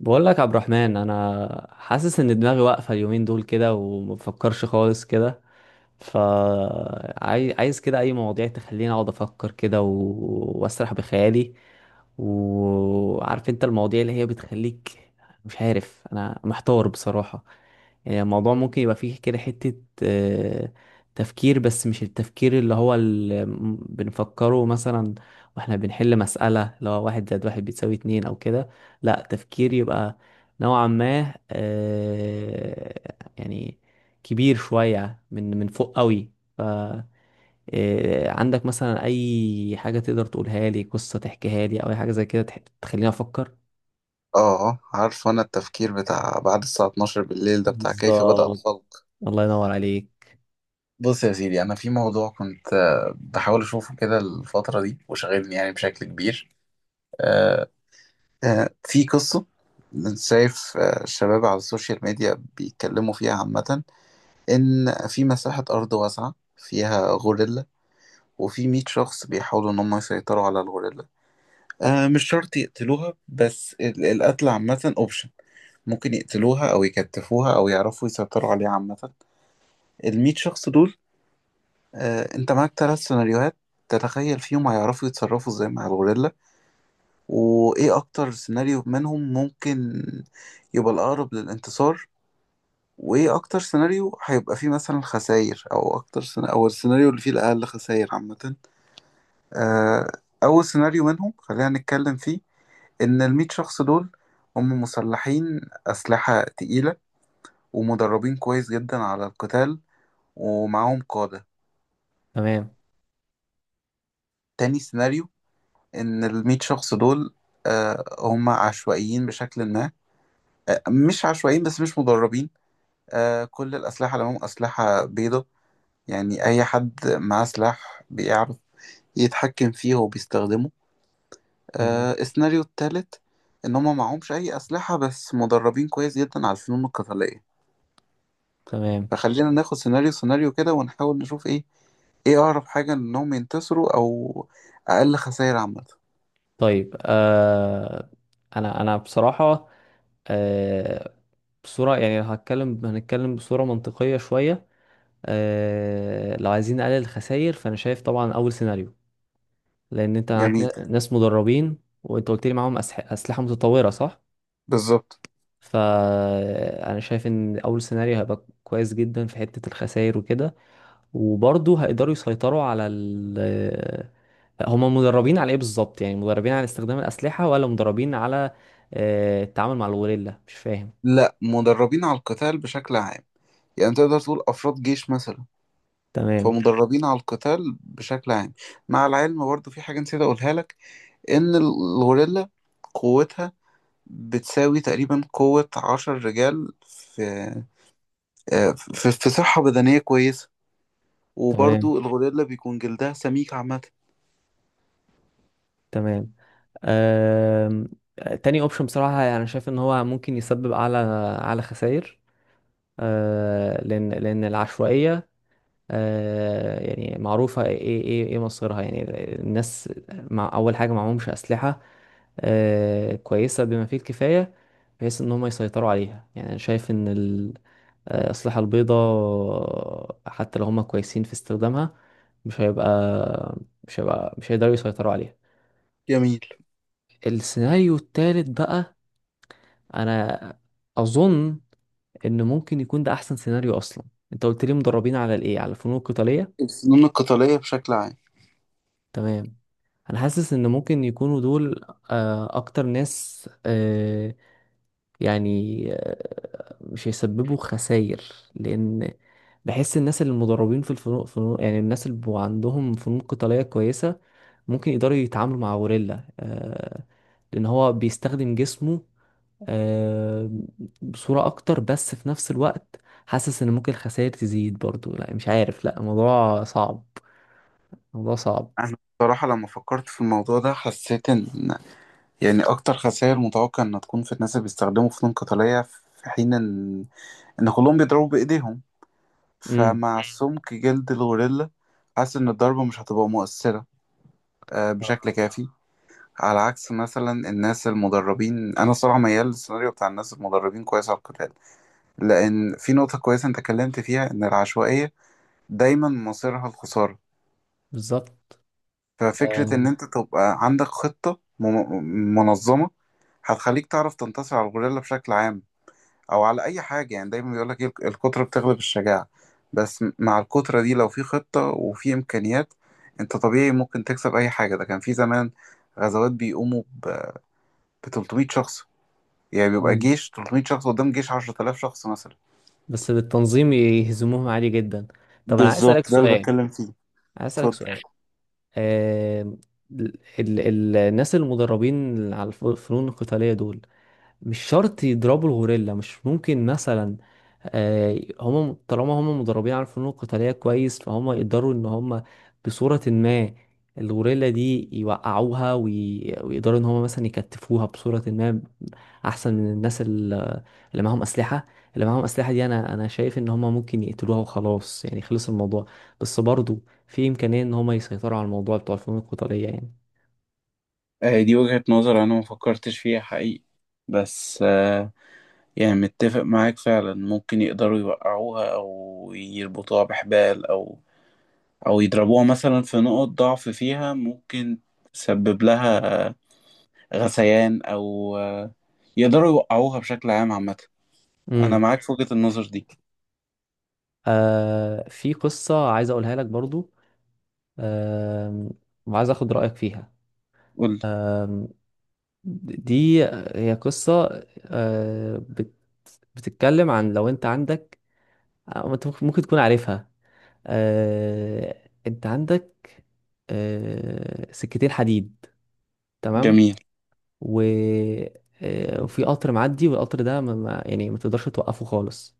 بقول لك يا عبد الرحمن، انا حاسس ان دماغي واقفه اليومين دول كده ومفكرش خالص كده. فعايز كده اي مواضيع تخليني اقعد افكر كده و... واسرح بخيالي وعارف انت المواضيع اللي هي بتخليك. مش عارف انا محتار بصراحه. يعني الموضوع ممكن يبقى فيه كده حته آه، تفكير، بس مش التفكير اللي هو اللي بنفكره مثلا واحنا بنحل مساله، لو واحد زائد واحد بيساوي اتنين او كده. لا، تفكير يبقى نوعا ما، يعني كبير شوية من فوق قوي. ف عندك مثلا أي حاجة تقدر تقولها لي، قصة تحكيها لي أو أي حاجة زي كده تخليني أفكر. اه، عارف انا التفكير بتاع بعد الساعة 12 بالليل ده بتاع كيف بدأ بالظبط، الخلق. الله ينور عليك. بص يا سيدي، انا في موضوع كنت بحاول اشوفه كده الفترة دي وشاغلني يعني بشكل كبير. آه، في قصة. شايف الشباب على السوشيال ميديا بيتكلموا فيها عامة، ان في مساحة ارض واسعة فيها غوريلا، وفي 100 شخص بيحاولوا ان هم يسيطروا على الغوريلا. مش شرط يقتلوها، بس القتل عامة اوبشن. ممكن يقتلوها أو يكتفوها أو يعرفوا يسيطروا عليها عامة. المية شخص دول، أنت معاك ثلاث سيناريوهات تتخيل فيهم هيعرفوا يتصرفوا ازاي مع الغوريلا، وإيه أكتر سيناريو منهم ممكن يبقى الأقرب للانتصار، وإيه أكتر سيناريو هيبقى فيه مثلا خسائر، أو أكتر سيناريو أو السيناريو اللي فيه الأقل خسائر عامة. آه، أول سيناريو منهم خلينا نتكلم فيه. إن المية شخص دول هم مسلحين أسلحة تقيلة، ومدربين كويس جدا على القتال، ومعاهم قادة. تمام. تاني سيناريو، إن المية شخص دول هم عشوائيين بشكل ما. مش عشوائيين بس مش مدربين. كل الأسلحة اللي معاهم أسلحة بيضة، يعني أي حد معاه سلاح بيعرف يتحكم فيه وبيستخدمه. تمام. السيناريو التالت، إن هم معهمش أي أسلحة بس مدربين كويس جدا على الفنون القتالية. تمام. فخلينا ناخد سيناريو سيناريو كده ونحاول نشوف إيه أقرب حاجة إنهم ينتصروا أو أقل خسائر عامة. طيب آه، أنا بصراحة، آه بصورة يعني، لو هتكلم هنتكلم بصورة منطقية شوية. لو عايزين نقلل الخسائر، فانا شايف طبعا اول سيناريو، لان انت معاك جميل. ناس مدربين، وانت قلت لي معاهم اسلحه متطوره، صح؟ بالظبط. فانا شايف ان اول سيناريو هيبقى كويس جدا في حته الخسائر وكده، وبرضه هيقدروا يسيطروا على ال، هما مدربين على ايه بالظبط؟ يعني مدربين على استخدام الاسلحه، ولا مدربين على التعامل مع الغوريلا؟ مش فاهم. لا، مدربين على القتال بشكل عام، يعني تقدر تقول أفراد جيش مثلا. تمام. فمدربين على القتال بشكل عام. مع العلم برضه في حاجة نسيت أقولها لك، إن الغوريلا قوتها بتساوي تقريبا قوة عشر رجال في في صحة بدنية كويسة. وبرضه تمام. الغوريلا بيكون جلدها سميك عامة. تمام. آم، تاني اوبشن بصراحة يعني شايف ان هو ممكن يسبب اعلى خسائر، لان العشوائية يعني معروفة ايه ايه ايه إيه مصيرها يعني. الناس، مع اول حاجة معهمش اسلحة كويسة بما فيه الكفاية بحيث ان هم يسيطروا عليها. يعني انا شايف ان الأسلحة البيضاء، حتى لو هم كويسين في استخدامها، مش هيبقى مش هيبقى مش هيقدروا يسيطروا عليها. جميل. السيناريو التالت بقى، انا اظن ان ممكن يكون ده احسن سيناريو اصلا. انت قلت لي مدربين على الايه؟ على الفنون القتاليه؟ الفنون القتالية بشكل عام. تمام. انا حاسس ان ممكن يكونوا دول اكتر ناس، يعني مش هيسببوا خسائر، لان بحس الناس اللي مدربين في فنون، يعني الناس اللي بيبقوا عندهم فنون قتاليه كويسه، ممكن يقدروا يتعاملوا مع غوريلا، لان هو بيستخدم جسمه آه، بصورة أكتر. بس في نفس الوقت حاسس إن ممكن الخسائر تزيد برضو. لا، مش عارف، لا الموضوع صعب، الموضوع صعب. أنا بصراحة لما فكرت في الموضوع ده حسيت إن، يعني أكتر خسائر متوقع إنها تكون في الناس اللي بيستخدموا فنون قتالية، في حين إن كلهم بيضربوا بإيديهم. امم. فمع سمك جلد الغوريلا، حاسس إن الضربة مش هتبقى مؤثرة بشكل آه. كافي. على عكس مثلا الناس المدربين، أنا صراحة ميال للسيناريو بتاع الناس المدربين كويس على القتال، لأن في نقطة كويسة أنت اتكلمت فيها إن العشوائية دايما مصيرها الخسارة. بالظبط. ففكرة إن آه، أنت تبقى عندك خطة منظمة هتخليك تعرف تنتصر على الغوريلا بشكل عام، او على اي حاجه. يعني دايما بيقول لك الكتره بتغلب الشجاعه. بس مع الكتره دي لو في خطه وفي امكانيات، انت طبيعي ممكن تكسب اي حاجه. ده كان في زمان غزوات بيقوموا ب 300 شخص. يعني بيبقى مم. جيش 300 شخص قدام جيش 10000 شخص مثلا. بس بالتنظيم يهزموهم عادي جدا. طب أنا عايز أسألك بالظبط، ده اللي سؤال، بتكلم فيه. عايز أسألك اتفضل. سؤال. آه، ال ال الناس المدربين على الفنون القتالية دول، مش شرط يضربوا الغوريلا. مش ممكن مثلا هم طالما هم مدربين على الفنون القتالية كويس، فهم يقدروا ان هم بصورة ما الغوريلا دي يوقعوها ويقدروا ان هم مثلا يكتفوها بصورة ما، احسن من الناس اللي معاهم اسلحة. اللي معاهم اسلحة دي، انا شايف ان هم ممكن يقتلوها وخلاص، يعني خلص الموضوع. بس برضو في امكانية ان هم يسيطروا على الموضوع بتوع الفنون القتالية يعني. دي وجهة نظر أنا ما فكرتش فيها حقيقي، بس يعني متفق معاك فعلا. ممكن يقدروا يوقعوها، أو يربطوها بحبال، أو او يضربوها مثلا في نقط ضعف فيها ممكن تسبب لها غثيان، او يقدروا يوقعوها بشكل عام عامة. انا امم. معاك في وجهة النظر دي. آه، في قصة عايز اقولها لك برضو. آم، وعايز اخد رأيك فيها. قول. آم، دي هي قصة آه، بت- بتتكلم عن لو انت عندك، أو انت ممكن تكون عارفها. انت عندك سكتين حديد، تمام؟ جميل. و وفي قطر معدي، والقطر ده يعني ما تقدرش توقفه خالص.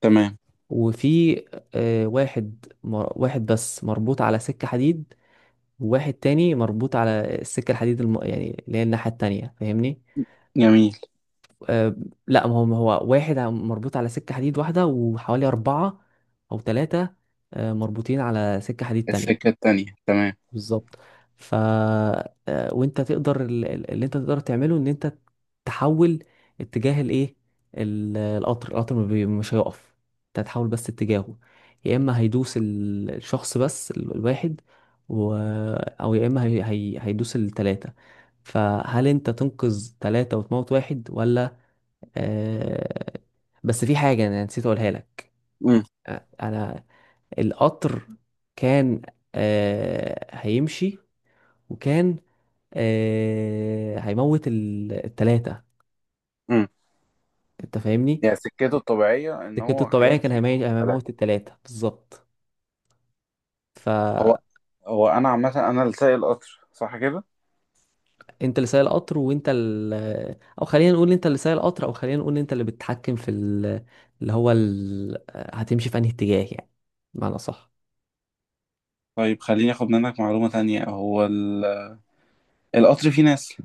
تمام. وفي واحد بس مربوط على سكة حديد، وواحد تاني مربوط على السكة الحديد يعني اللي هي الناحية التانية، فاهمني؟ جميل. أه. لا، ما هو واحد مربوط على سكة حديد واحدة، وحوالي أربعة أو ثلاثة مربوطين على سكة حديد السكة تانية. التانية. تمام. بالظبط. ف وانت تقدر اللي انت تقدر تعمله، ان انت تحول اتجاه الايه، القطر ما بي- مش هيقف، انت هتحول بس اتجاهه. يا اما هيدوس الواحد و... او يا اما هيدوس التلاتة. فهل انت تنقذ تلاتة وتموت واحد، ولا آه... بس في حاجة انا نسيت اقولها لك، امم. انا القطر كان آه... هيمشي، وكان آه هيموت التلاتة، امم. انت فاهمني؟ يعني سكته الطبيعية ان سكته هو الطبيعية كان هيمشي يقول ثلاثة. هيموت التلاتة بالظبط. هو فانت هو انا عامة انا اللي سايق القطر صح كده؟ اللي سايق القطر، وانت ال... او خلينا نقول انت اللي سايق القطر، او خلينا نقول انت اللي بتتحكم في ال... اللي هو ال... هتمشي في انهي اتجاه يعني، بمعنى صح؟ طيب خليني اخد منك معلومة تانية، هو القطر فيه ناس؟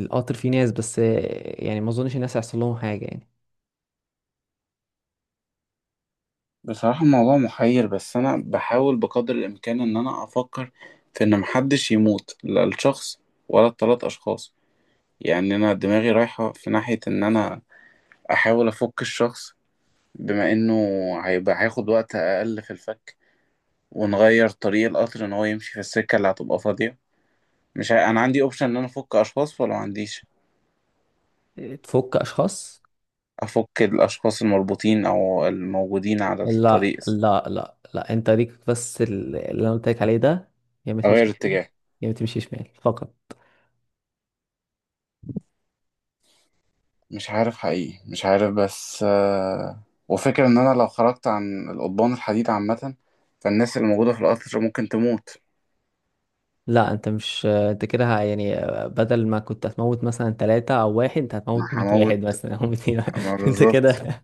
القطر فيه ناس، بس يعني ما اظنش الناس هيحصل لهم حاجة يعني. بصراحة الموضوع محير، بس أنا بحاول بقدر الإمكان إن أنا أفكر في إن محدش يموت، لا الشخص ولا التلات أشخاص. يعني أنا دماغي رايحة في ناحية إن أنا أحاول أفك الشخص، بما إنه هيبقى هياخد وقت أقل في الفك، ونغير طريق القطر إن هو يمشي في السكة اللي هتبقى فاضية. مش ه... أنا عندي أوبشن إن أنا أفك أشخاص ولا معنديش؟ تفك اشخاص؟ أفك الأشخاص المربوطين أو الموجودين على لا الطريق. لا لا لا انت ليك بس اللي انا قلت لك عليه ده، يا ما أغير تمشي يمين، اتجاه. يا ما تمشي شمال فقط. مش عارف حقيقي، مش عارف، بس وفكرة ان انا لو خرجت عن القضبان الحديد عامة، فالناس اللي موجودة في القطر ممكن تموت. لا انت مش، انت كده يعني، بدل ما كنت هتموت مثلا ثلاثة او واحد، انت ما هتموت 100 واحد هموت، مثلا او 200 واحد. ما انت بالظبط. كده.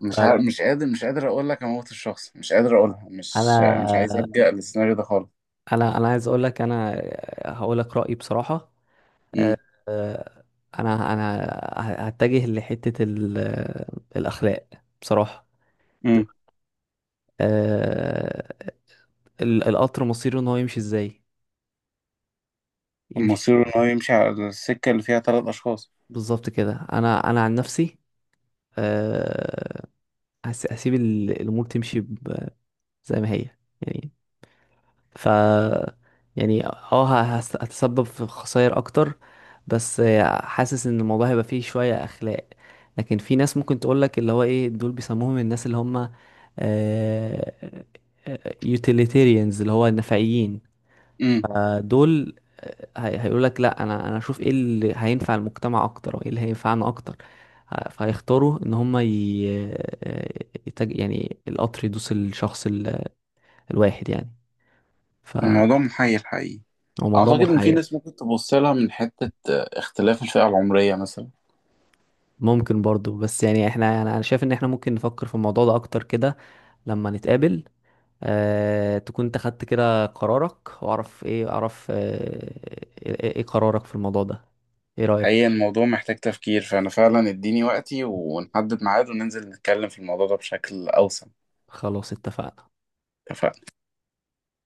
مش فلا، عارف، مش قادر، مش قادر اقول لك اموت الشخص، مش قادر اقولها، مش عايز انا ابجأ للسيناريو ده خالص. انا عايز اقول لك، انا هقول لك رأيي بصراحة. امم. اه، انا هتجه لحتة الاخلاق بصراحة. امم. اه، القطر مصيره ان هو يمشي ازاي؟ يمشي مصيره ان هو يمشي على السكة اللي فيها ثلاث اشخاص. بالظبط كده. انا عن نفسي اه، هسيب الامور تمشي زي ما هي يعني. ف يعني اه هتسبب في خسائر اكتر، بس حاسس ان الموضوع هيبقى فيه شوية اخلاق. لكن في ناس ممكن تقولك اللي هو ايه، دول بيسموهم الناس اللي هم يوتيليتيريانز، اللي هو النفعيين. امم. فدول هيقولك لا، انا اشوف ايه اللي هينفع المجتمع اكتر، وايه اللي هينفعنا اكتر. فهيختاروا ان هم ي... آه، يعني القطر يدوس الشخص الواحد يعني. ف الموضوع محير حقيقي. هو موضوع اعتقد ان في محير. ناس ممكن تبص لها من حتة اختلاف الفئة العمرية مثلا. ممكن برضو، بس يعني احنا، أنا شايف ان احنا ممكن نفكر في الموضوع ده اكتر كده لما نتقابل، تكون انت خدت كده قرارك، واعرف ايه، اعرف ايه قرارك في الموضوع ده، ايه حقيقة رأيك. الموضوع محتاج تفكير، فأنا فعلا اديني وقتي، ونحدد ميعاد وننزل نتكلم في الموضوع ده بشكل أوسع. خلاص اتفقنا. اتفقنا.